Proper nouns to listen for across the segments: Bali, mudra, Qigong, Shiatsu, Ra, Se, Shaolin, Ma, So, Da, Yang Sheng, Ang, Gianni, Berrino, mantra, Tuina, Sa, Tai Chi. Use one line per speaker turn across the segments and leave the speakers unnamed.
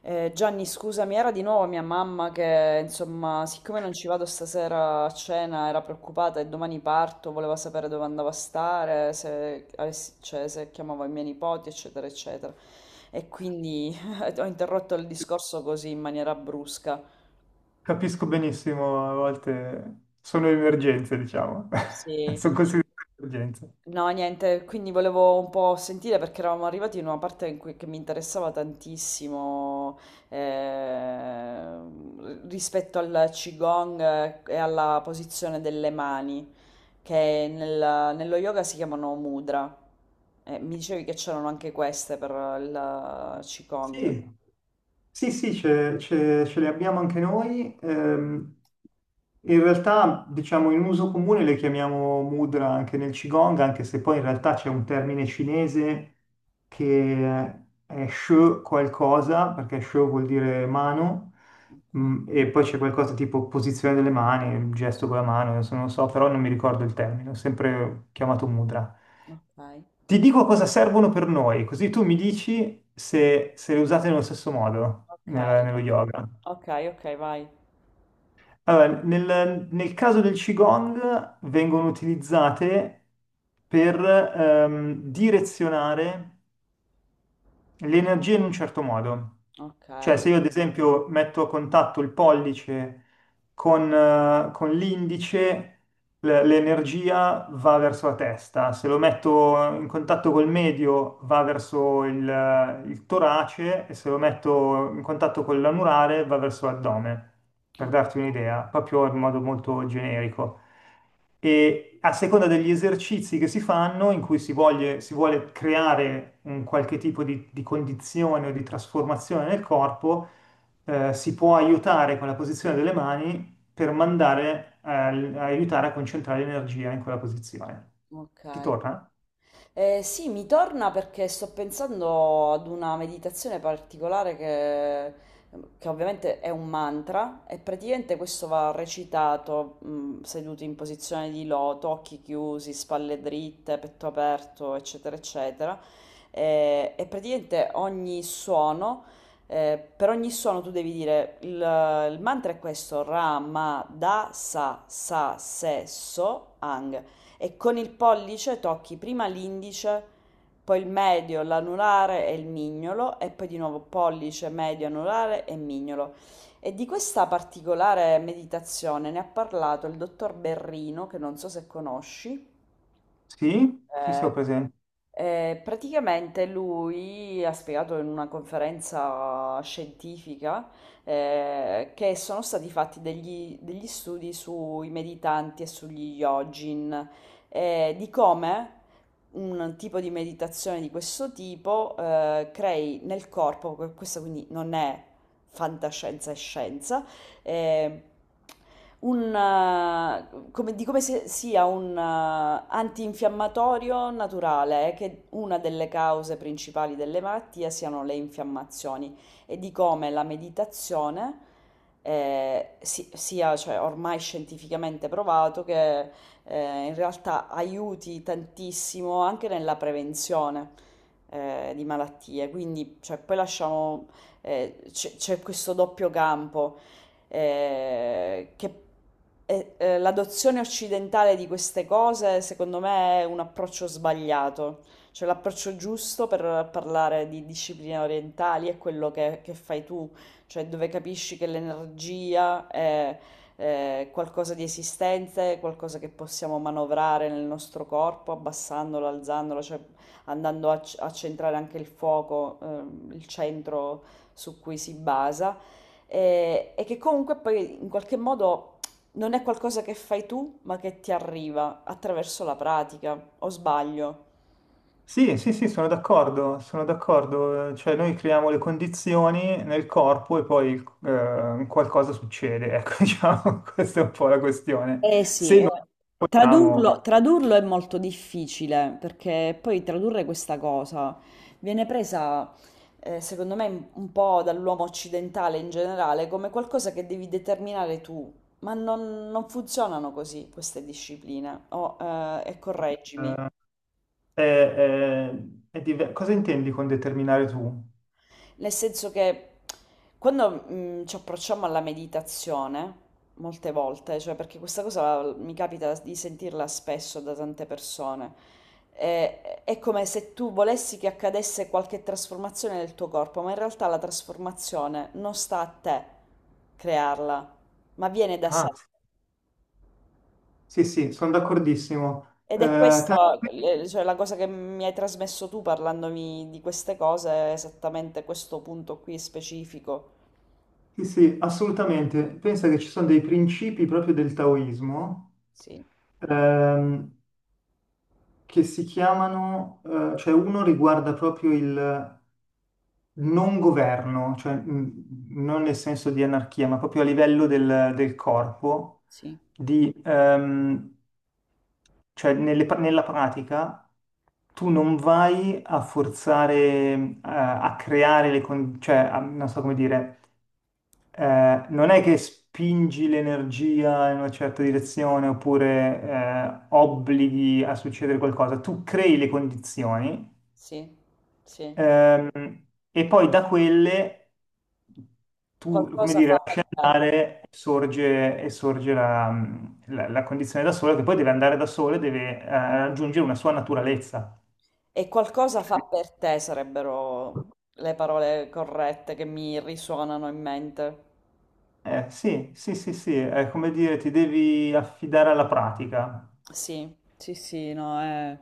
Gianni, scusami, era di nuovo mia mamma che, insomma, siccome non ci vado stasera a cena, era preoccupata e domani parto, voleva sapere dove andavo a stare, se, avessi- cioè, se chiamavo i miei nipoti, eccetera, eccetera. E quindi ho interrotto il discorso così in maniera brusca.
Capisco benissimo, a volte sono emergenze, diciamo,
Sì.
sono considerate emergenze.
No, niente, quindi volevo un po' sentire perché eravamo arrivati in una parte in cui, che mi interessava tantissimo eh, rispetto al Qigong e alla posizione delle mani, che nello yoga si chiamano mudra. Mi dicevi che c'erano anche queste per il Qigong.
Sì, sì, sì, ce le abbiamo anche noi. In realtà, diciamo, in uso comune le chiamiamo mudra anche nel Qigong, anche se poi in realtà c'è un termine cinese che è she qualcosa, perché she vuol dire mano, mm, e poi c'è qualcosa tipo posizione delle mani, il gesto con la mano, adesso non lo so, però non mi ricordo il termine, ho sempre chiamato mudra.
Ok,
Ti dico cosa servono per noi, così tu mi dici se, se le usate nello stesso modo
ok,
nello yoga.
ok, ok, ok, vai.
Allora, nel caso del Qigong vengono utilizzate per direzionare l'energia in un certo modo.
Ok,
Cioè, se io ad esempio metto a contatto il pollice con l'indice, l'energia va verso la testa, se lo metto in contatto col medio va verso il torace e se lo metto in contatto con l'anulare va verso l'addome, per
o-
darti un'idea, proprio in modo molto generico e a seconda degli esercizi che si fanno, in cui si vuole creare un qualche tipo di condizione o di trasformazione nel corpo, si può aiutare con la posizione delle mani per mandare, aiutare a concentrare l'energia in quella posizione. Ti
ok.
torna?
Sì, mi torna perché sto pensando ad una meditazione particolare che ovviamente è un mantra e praticamente questo va recitato seduti in posizione di loto, occhi chiusi, spalle dritte, petto aperto, eccetera, eccetera. E praticamente ogni suono, per ogni suono tu devi dire il mantra è questo, Ra, Ma, Da, Sa, Sa, Se, So, Ang e con il pollice tocchi prima l'indice, poi il medio, l'anulare e il mignolo e poi di nuovo pollice, medio, anulare e mignolo. E di questa particolare meditazione ne ha parlato il dottor Berrino, che non so se conosci.
Sì? Sì, sì, ho
eh,
presente.
praticamente lui ha spiegato in una conferenza scientifica che sono stati fatti degli studi sui meditanti e sugli yogin, di come un tipo di meditazione di questo tipo crei nel corpo, questa quindi non è fantascienza, è scienza, eh, un, come, di come se sia un antinfiammatorio naturale, che una delle cause principali delle malattie siano le infiammazioni e di come la meditazione sia, cioè, ormai scientificamente provato che in realtà aiuti tantissimo anche nella prevenzione di malattie. Quindi, cioè, poi lasciamo, c'è questo doppio campo che l'adozione occidentale di queste cose, secondo me, è un approccio sbagliato. Cioè, l'approccio giusto per parlare di discipline orientali è quello che fai tu, cioè dove capisci che l'energia è qualcosa di esistente, qualcosa che possiamo manovrare nel nostro corpo, abbassandolo, alzandolo, cioè andando a centrare anche il fuoco, il centro su cui si basa e che comunque poi in qualche modo non è qualcosa che fai tu, ma che ti arriva attraverso la pratica, o sbaglio?
Sì, sì, sì, sono d'accordo, cioè noi creiamo le condizioni nel corpo e poi qualcosa succede, ecco, diciamo, questa è un po' la questione.
Eh sì,
Se non vogliamo,
tradurlo è molto difficile perché poi tradurre questa cosa viene presa, secondo me, un po' dall'uomo occidentale in generale come qualcosa che devi determinare tu, ma non funzionano così queste discipline. E correggimi.
eh, è- è- cosa intendi con determinare tu?
Nel senso che quando ci approcciamo alla meditazione, molte volte, cioè perché questa cosa mi capita di sentirla spesso da tante persone, è come se tu volessi che accadesse qualche trasformazione nel tuo corpo, ma in realtà la trasformazione non sta a te crearla, ma viene da sé.
Ah, sì, sì, sono d'accordissimo.
Ed è
Eh,
questa, cioè, la cosa che mi hai trasmesso tu parlandomi di queste cose, è esattamente questo punto qui specifico.
sì, sì, assolutamente. Pensa che ci sono dei principi proprio del taoismo,
Sì,
ehm, che si chiamano, cioè uno riguarda proprio il non governo, cioè non nel senso di anarchia, ma proprio a livello del corpo,
sì.
di, cioè nella pratica tu non vai a forzare, a creare le condizioni, non so come dire, non è che spingi l'energia in una certa direzione oppure obblighi a succedere qualcosa, tu crei le condizioni.
Sì, sì.
E poi da quelle tu, come
Qualcosa
dire,
fa per
lasci
te.
andare e sorge la condizione da sola, che poi deve andare da sola e deve raggiungere una sua naturalezza.
E qualcosa fa per te sarebbero le parole corrette che mi risuonano in mente.
Sì, sì, sì, sì, è come dire, ti devi affidare alla pratica.
Sì, sì, sì, no, è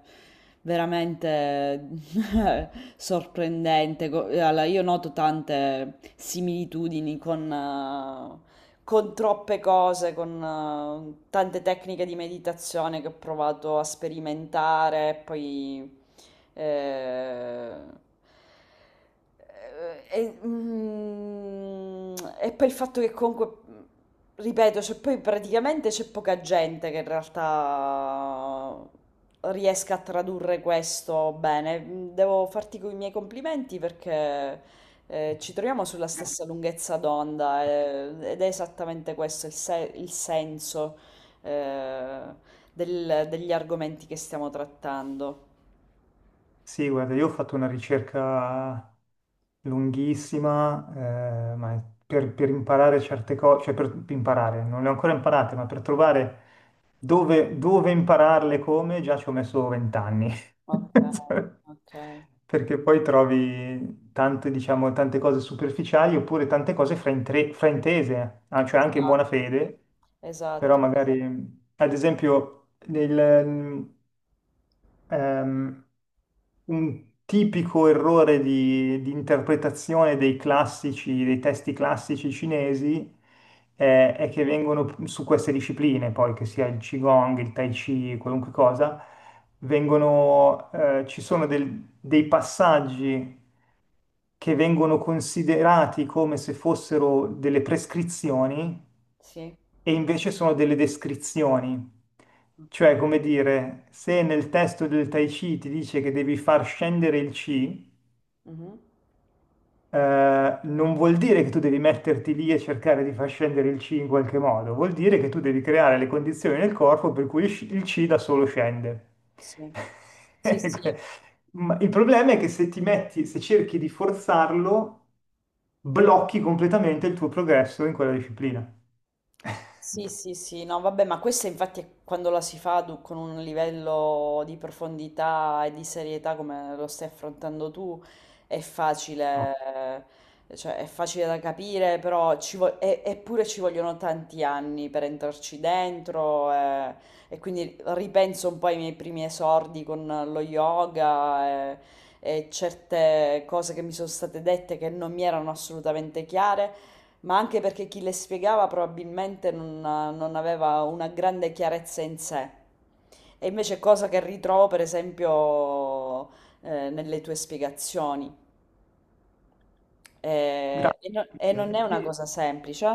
veramente sorprendente. Allora, io noto tante similitudini con troppe cose, con tante tecniche di meditazione che ho provato a sperimentare, Eh, eh, e, mm, e poi il fatto che comunque, ripeto, cioè poi praticamente c'è poca gente che in realtà riesca a tradurre questo bene. Devo farti i miei complimenti perché ci troviamo sulla stessa lunghezza d'onda ed è esattamente questo il, se- il senso eh, degli argomenti che stiamo trattando.
Sì, guarda, io ho fatto una ricerca lunghissima, per imparare certe cose, cioè per imparare, non le ho ancora imparate, ma per trovare dove, dove impararle, come, già ci ho messo vent'anni.
Ok, ok.
Perché poi trovi tante, diciamo, tante cose superficiali oppure tante cose fraintese, ah, cioè anche in buona
Ah,
fede, però
esatto,
magari, ad esempio, ehm, un tipico errore di interpretazione dei classici, dei testi classici cinesi, è che vengono su queste discipline, poi che sia il Qigong, il Tai Chi, qualunque cosa, vengono, ci sono dei passaggi che vengono considerati come se fossero delle prescrizioni
sì,
e invece sono delle descrizioni. Cioè,
ok.
come dire, se nel testo del Tai Chi ti dice che devi far scendere il Qi,
Mhm,
non vuol dire che tu devi metterti lì e cercare di far scendere il C in qualche modo, vuol dire che tu devi creare le condizioni nel corpo per cui il C da solo scende.
sì, sì, sì.
Ma il problema è che se ti metti, se cerchi di forzarlo, blocchi completamente il tuo progresso in quella disciplina.
Sì, sì, sì, no, vabbè, ma questa infatti è quando la si fa con un livello di profondità e di serietà come lo stai affrontando tu, è
No.
facile, cioè è facile da capire, però eppure ci vogliono tanti anni per entrarci dentro e quindi ripenso un po' ai miei primi esordi con lo yoga e certe cose che mi sono state dette che non mi erano assolutamente chiare. Ma anche perché chi le spiegava probabilmente non, non aveva una grande chiarezza in sé. E invece cosa che ritrovo, per esempio, nelle tue spiegazioni. Eh,
Grazie.
e, no- e non è una
Sì.
cosa semplice?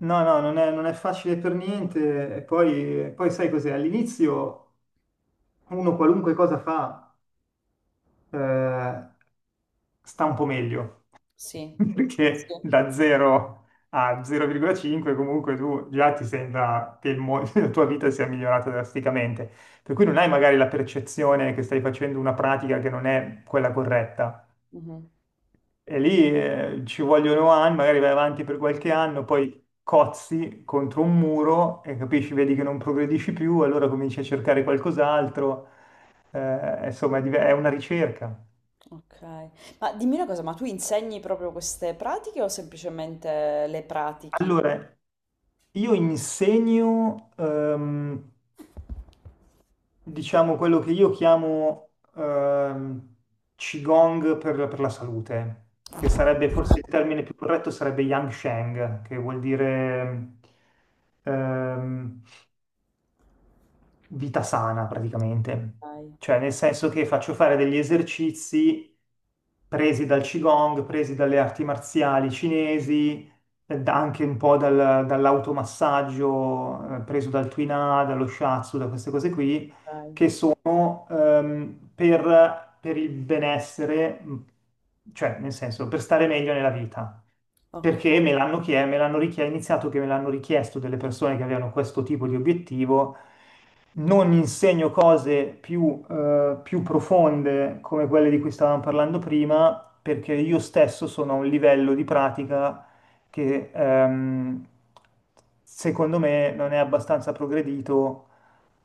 No, no, non è, non è facile per niente. E poi, poi sai cos'è? All'inizio uno qualunque cosa fa, eh, sta un po' meglio,
Sì.
perché
Sì.
da 0 a 0,5 comunque tu già ti sembra che la tua vita sia migliorata drasticamente, per cui non hai magari la percezione che stai facendo una pratica che non è quella corretta.
Mhm.
E lì ci vogliono anni, magari vai avanti per qualche anno, poi cozzi contro un muro e capisci, vedi che non progredisci più, allora cominci a cercare qualcos'altro. Insomma, è una ricerca.
Ok. Ma dimmi una cosa, ma tu insegni proprio queste pratiche o semplicemente le pratichi?
Allora, io insegno, diciamo, quello che io chiamo Qigong per la salute, che sarebbe forse il termine più corretto, sarebbe Yang Sheng, che vuol dire ehm, vita sana praticamente,
Ok,
cioè nel senso che faccio fare degli esercizi presi dal Qigong, presi dalle arti marziali cinesi, anche un po' dall'automassaggio, preso dal Tuina, dallo Shiatsu, da queste cose qui, che sono per il benessere, cioè nel senso per stare meglio nella vita, perché
ok,
me l'hanno chie- me l'hanno richie- è iniziato che me l'hanno richiesto delle persone che avevano questo tipo di obiettivo. Non insegno cose più, più profonde come quelle di cui stavamo parlando prima, perché io stesso sono a un livello di pratica che secondo me non è abbastanza progredito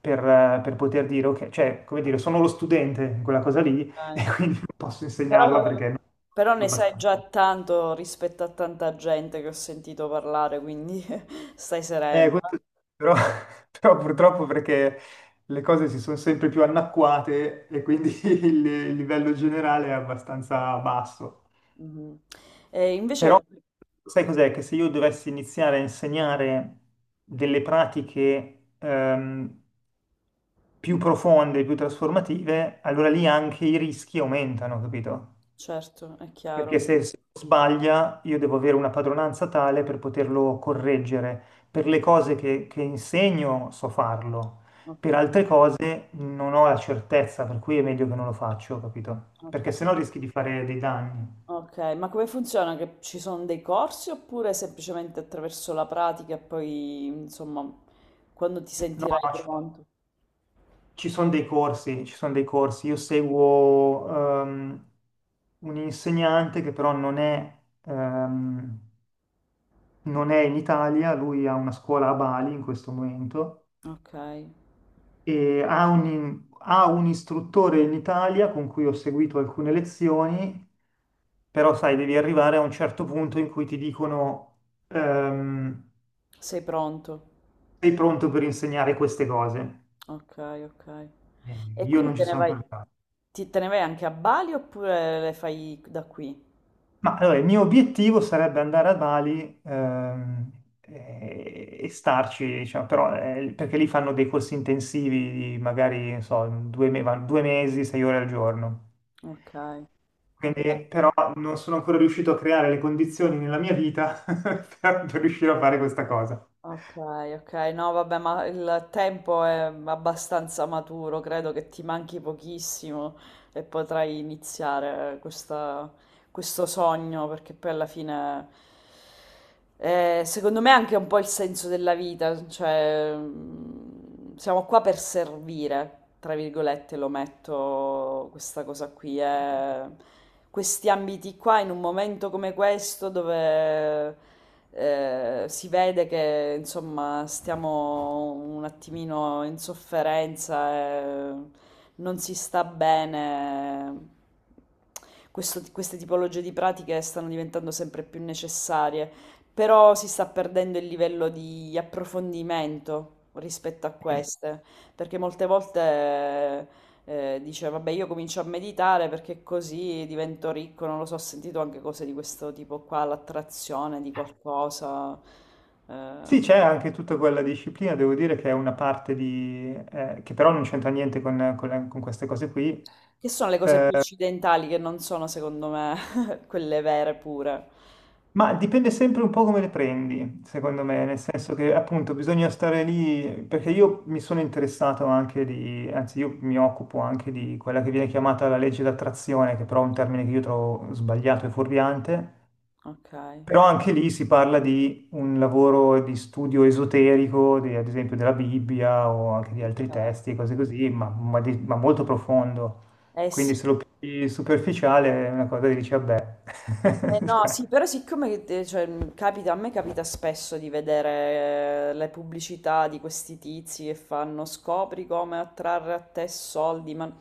per poter dire, ok, cioè, come dire, sono lo studente in quella cosa lì e
ok.
quindi non posso
Però,
insegnarla perché non
però
ho
ne sai
abbastanza.
già tanto rispetto a tanta gente che ho sentito parlare, quindi stai
Eh,
sereno. Eh.
questo- Però, però purtroppo perché le cose si sono sempre più annacquate e quindi il livello generale è abbastanza basso.
Mhm. E invece,
Però sai cos'è? Che se io dovessi iniziare a insegnare delle pratiche più profonde, più trasformative, allora lì anche i rischi aumentano, capito?
certo, è
Perché
chiaro.
se, se sbaglia io devo avere una padronanza tale per poterlo correggere. Per le cose che insegno so farlo, per
Ok,
altre cose non ho la certezza, per cui è meglio che non lo faccio, capito?
ok,
Perché sennò rischi di fare dei danni.
ok. Ma come funziona? Che ci sono dei corsi oppure semplicemente attraverso la pratica e poi, insomma, quando ti
No,
sentirai
no,
pronto?
ci sono dei corsi, ci sono dei corsi. Io seguo ehm, un insegnante che però non è, ehm, non è in Italia, lui ha una scuola a Bali in questo momento
Ok,
e ha un istruttore in Italia con cui ho seguito alcune lezioni, però sai, devi arrivare a un certo punto in cui ti dicono ehm,
sei pronto.
sei pronto per insegnare queste cose.
Ok, ok. E
Io
quindi
non ci
te ne
sono
vai,
ancora arrivato.
te ne vai anche a Bali oppure le fai da qui?
Ma allora, il mio obiettivo sarebbe andare a Bali, e starci, diciamo, però, perché lì fanno dei corsi intensivi, di magari, non so, due mesi, sei ore al giorno.
Ok, ok,
Quindi, però non sono ancora riuscito a creare le condizioni nella mia vita per riuscire a fare questa cosa.
ok, ok. No, vabbè, ma il tempo è abbastanza maturo, credo che ti manchi pochissimo e potrai iniziare questa questo sogno, perché poi alla fine, secondo me, è anche un po' il senso della vita, cioè siamo qua per servire, tra virgolette, lo metto questa cosa qui, questi ambiti qua in un momento come questo dove si vede che insomma stiamo un attimino in sofferenza, e non si sta bene. Questo t queste tipologie di pratiche stanno diventando sempre più necessarie, però si sta perdendo il livello di approfondimento rispetto a queste, perché molte volte dice, vabbè, io comincio a meditare perché così divento ricco, non lo so, ho sentito anche cose di questo tipo qua, l'attrazione di qualcosa,
Sì,
eh,
c'è anche tutta quella disciplina, devo dire che è una parte di, che però non c'entra niente con, con queste cose qui,
che sono le cose più occidentali che non sono, secondo me, quelle vere pure.
ma dipende sempre un po' come le prendi, secondo me, nel senso che appunto bisogna stare lì, perché io mi sono interessato anche di, anzi io mi occupo anche di quella che viene chiamata la legge d'attrazione, che però è un termine che io trovo sbagliato e fuorviante.
Ok,
Però anche lì si parla di un lavoro di studio esoterico, ad esempio della Bibbia o anche di altri
ok.
testi e cose così, ma molto profondo.
Eh
Quindi
sì.
se lo pigli superficiale è una cosa che dici, vabbè.
Eh no, sì,
Cioè,
però siccome cioè, capita, a me capita spesso di vedere le pubblicità di questi tizi che fanno scopri come attrarre a te soldi, ma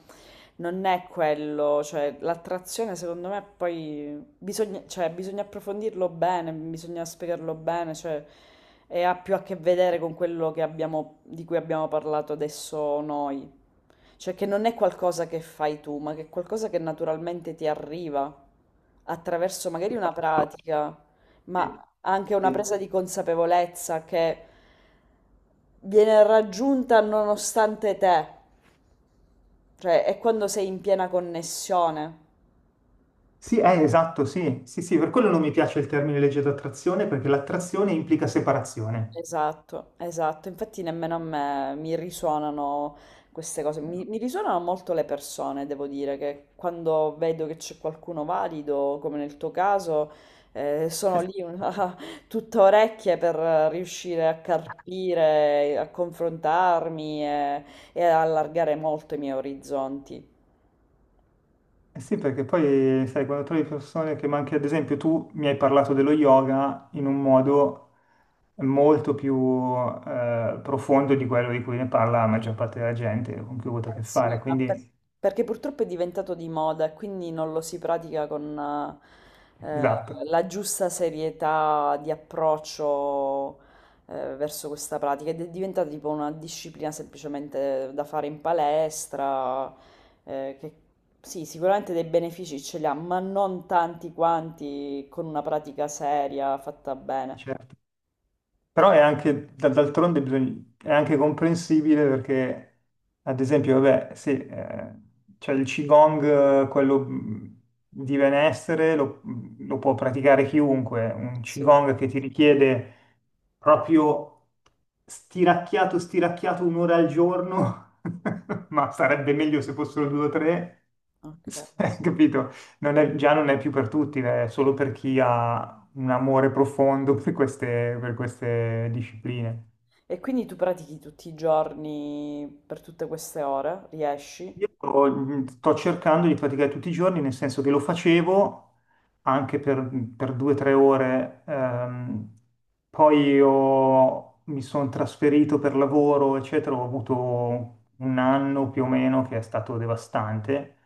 non è quello, cioè l'attrazione secondo me poi bisogna, cioè, bisogna approfondirlo bene, bisogna spiegarlo bene, cioè, e ha più a che vedere con quello che abbiamo, di cui abbiamo parlato adesso noi. Cioè che non è qualcosa che fai tu, ma che è qualcosa che naturalmente ti arriva attraverso magari una pratica, ma
sì,
anche una
sì.
presa di consapevolezza che viene raggiunta nonostante te. Cioè è quando sei in piena connessione.
Sì, esatto, sì, sì, sì, per quello non mi piace il termine legge d'attrazione, perché l'attrazione implica separazione.
Esatto, esatto, infatti nemmeno a me mi risuonano queste cose, mi risuonano molto le persone, devo dire, che quando vedo che c'è qualcuno valido, come nel tuo caso, sono lì tutta orecchie per riuscire a carpire, a confrontarmi e ad allargare molto i miei orizzonti.
Eh sì, perché poi, sai, quando trovi persone che, ma anche ad esempio tu mi hai parlato dello yoga in un modo molto più profondo di quello di cui ne parla la maggior parte della gente con cui ho avuto a
Eh
che fare,
sì,
quindi
perché purtroppo è diventato di moda e quindi non lo si pratica con eh,
esatto,
la giusta serietà di approccio verso questa pratica ed è diventata tipo una disciplina semplicemente da fare in palestra, che sì, sicuramente dei benefici ce li ha, ma non tanti quanti con una pratica seria fatta bene.
certo. Però è anche, d'altronde è anche comprensibile perché, ad esempio, vabbè, sì, c'è il Qigong, quello di benessere, lo, mhmm, lo può praticare chiunque, un
Sì,
Qigong che ti richiede proprio stiracchiato, stiracchiato un'ora al giorno, ma sarebbe meglio se fossero due o tre,
ok.
capito? Non è- Già non è più per tutti, è solo per chi ha un amore profondo per queste discipline.
E quindi tu pratichi tutti i giorni per tutte queste ore? Riesci?
Io sto cercando di praticare tutti i giorni, nel senso che lo facevo anche per due o tre ore, poi mi sono trasferito per lavoro, eccetera, ho avuto un anno più o meno che è stato devastante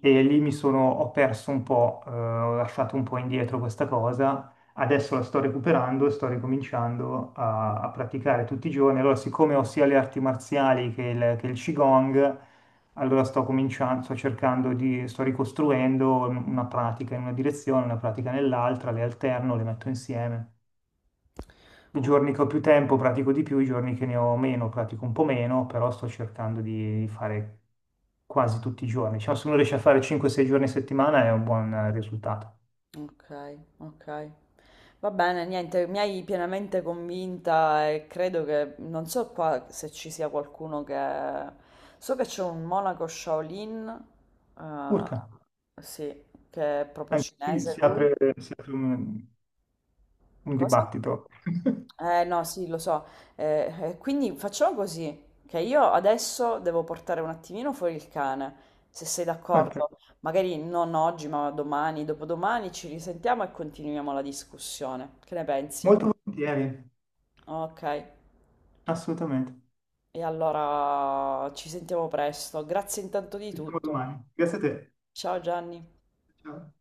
e lì mi sono, ho perso un po', ho lasciato un po' indietro questa cosa, adesso la sto recuperando e sto ricominciando a, a praticare tutti i giorni, allora siccome ho sia le arti marziali che il Qigong, allora sto cominciando, sto cercando di, sto ricostruendo una pratica in una direzione, una pratica nell'altra, le alterno, le metto insieme. I
O-
giorni che ho più tempo pratico di più, i giorni che ne ho meno pratico un po' meno, però sto cercando di fare quasi tutti i giorni. Diciamo, se uno riesce a fare 5-6 giorni a settimana è un buon risultato.
Ok, ok. Va bene, niente, mi hai pienamente convinta e credo che non so qua se ci sia qualcuno che so che c'è un monaco Shaolin
Urca,
sì, che è proprio
anche qui
cinese lui.
si apre un
Cosa?
dibattito.
Eh no, sì, lo so. Quindi facciamo così, che io adesso devo portare un attimino fuori il cane, se sei
Ok,
d'accordo. Magari non oggi, ma domani, dopodomani ci risentiamo e continuiamo la discussione. Che ne pensi?
molto volentieri,
Ok,
assolutamente.
e allora ci sentiamo presto. Grazie intanto di
Ci vediamo
tutto.
domani. Grazie a te.
Ciao Gianni.
Ciao.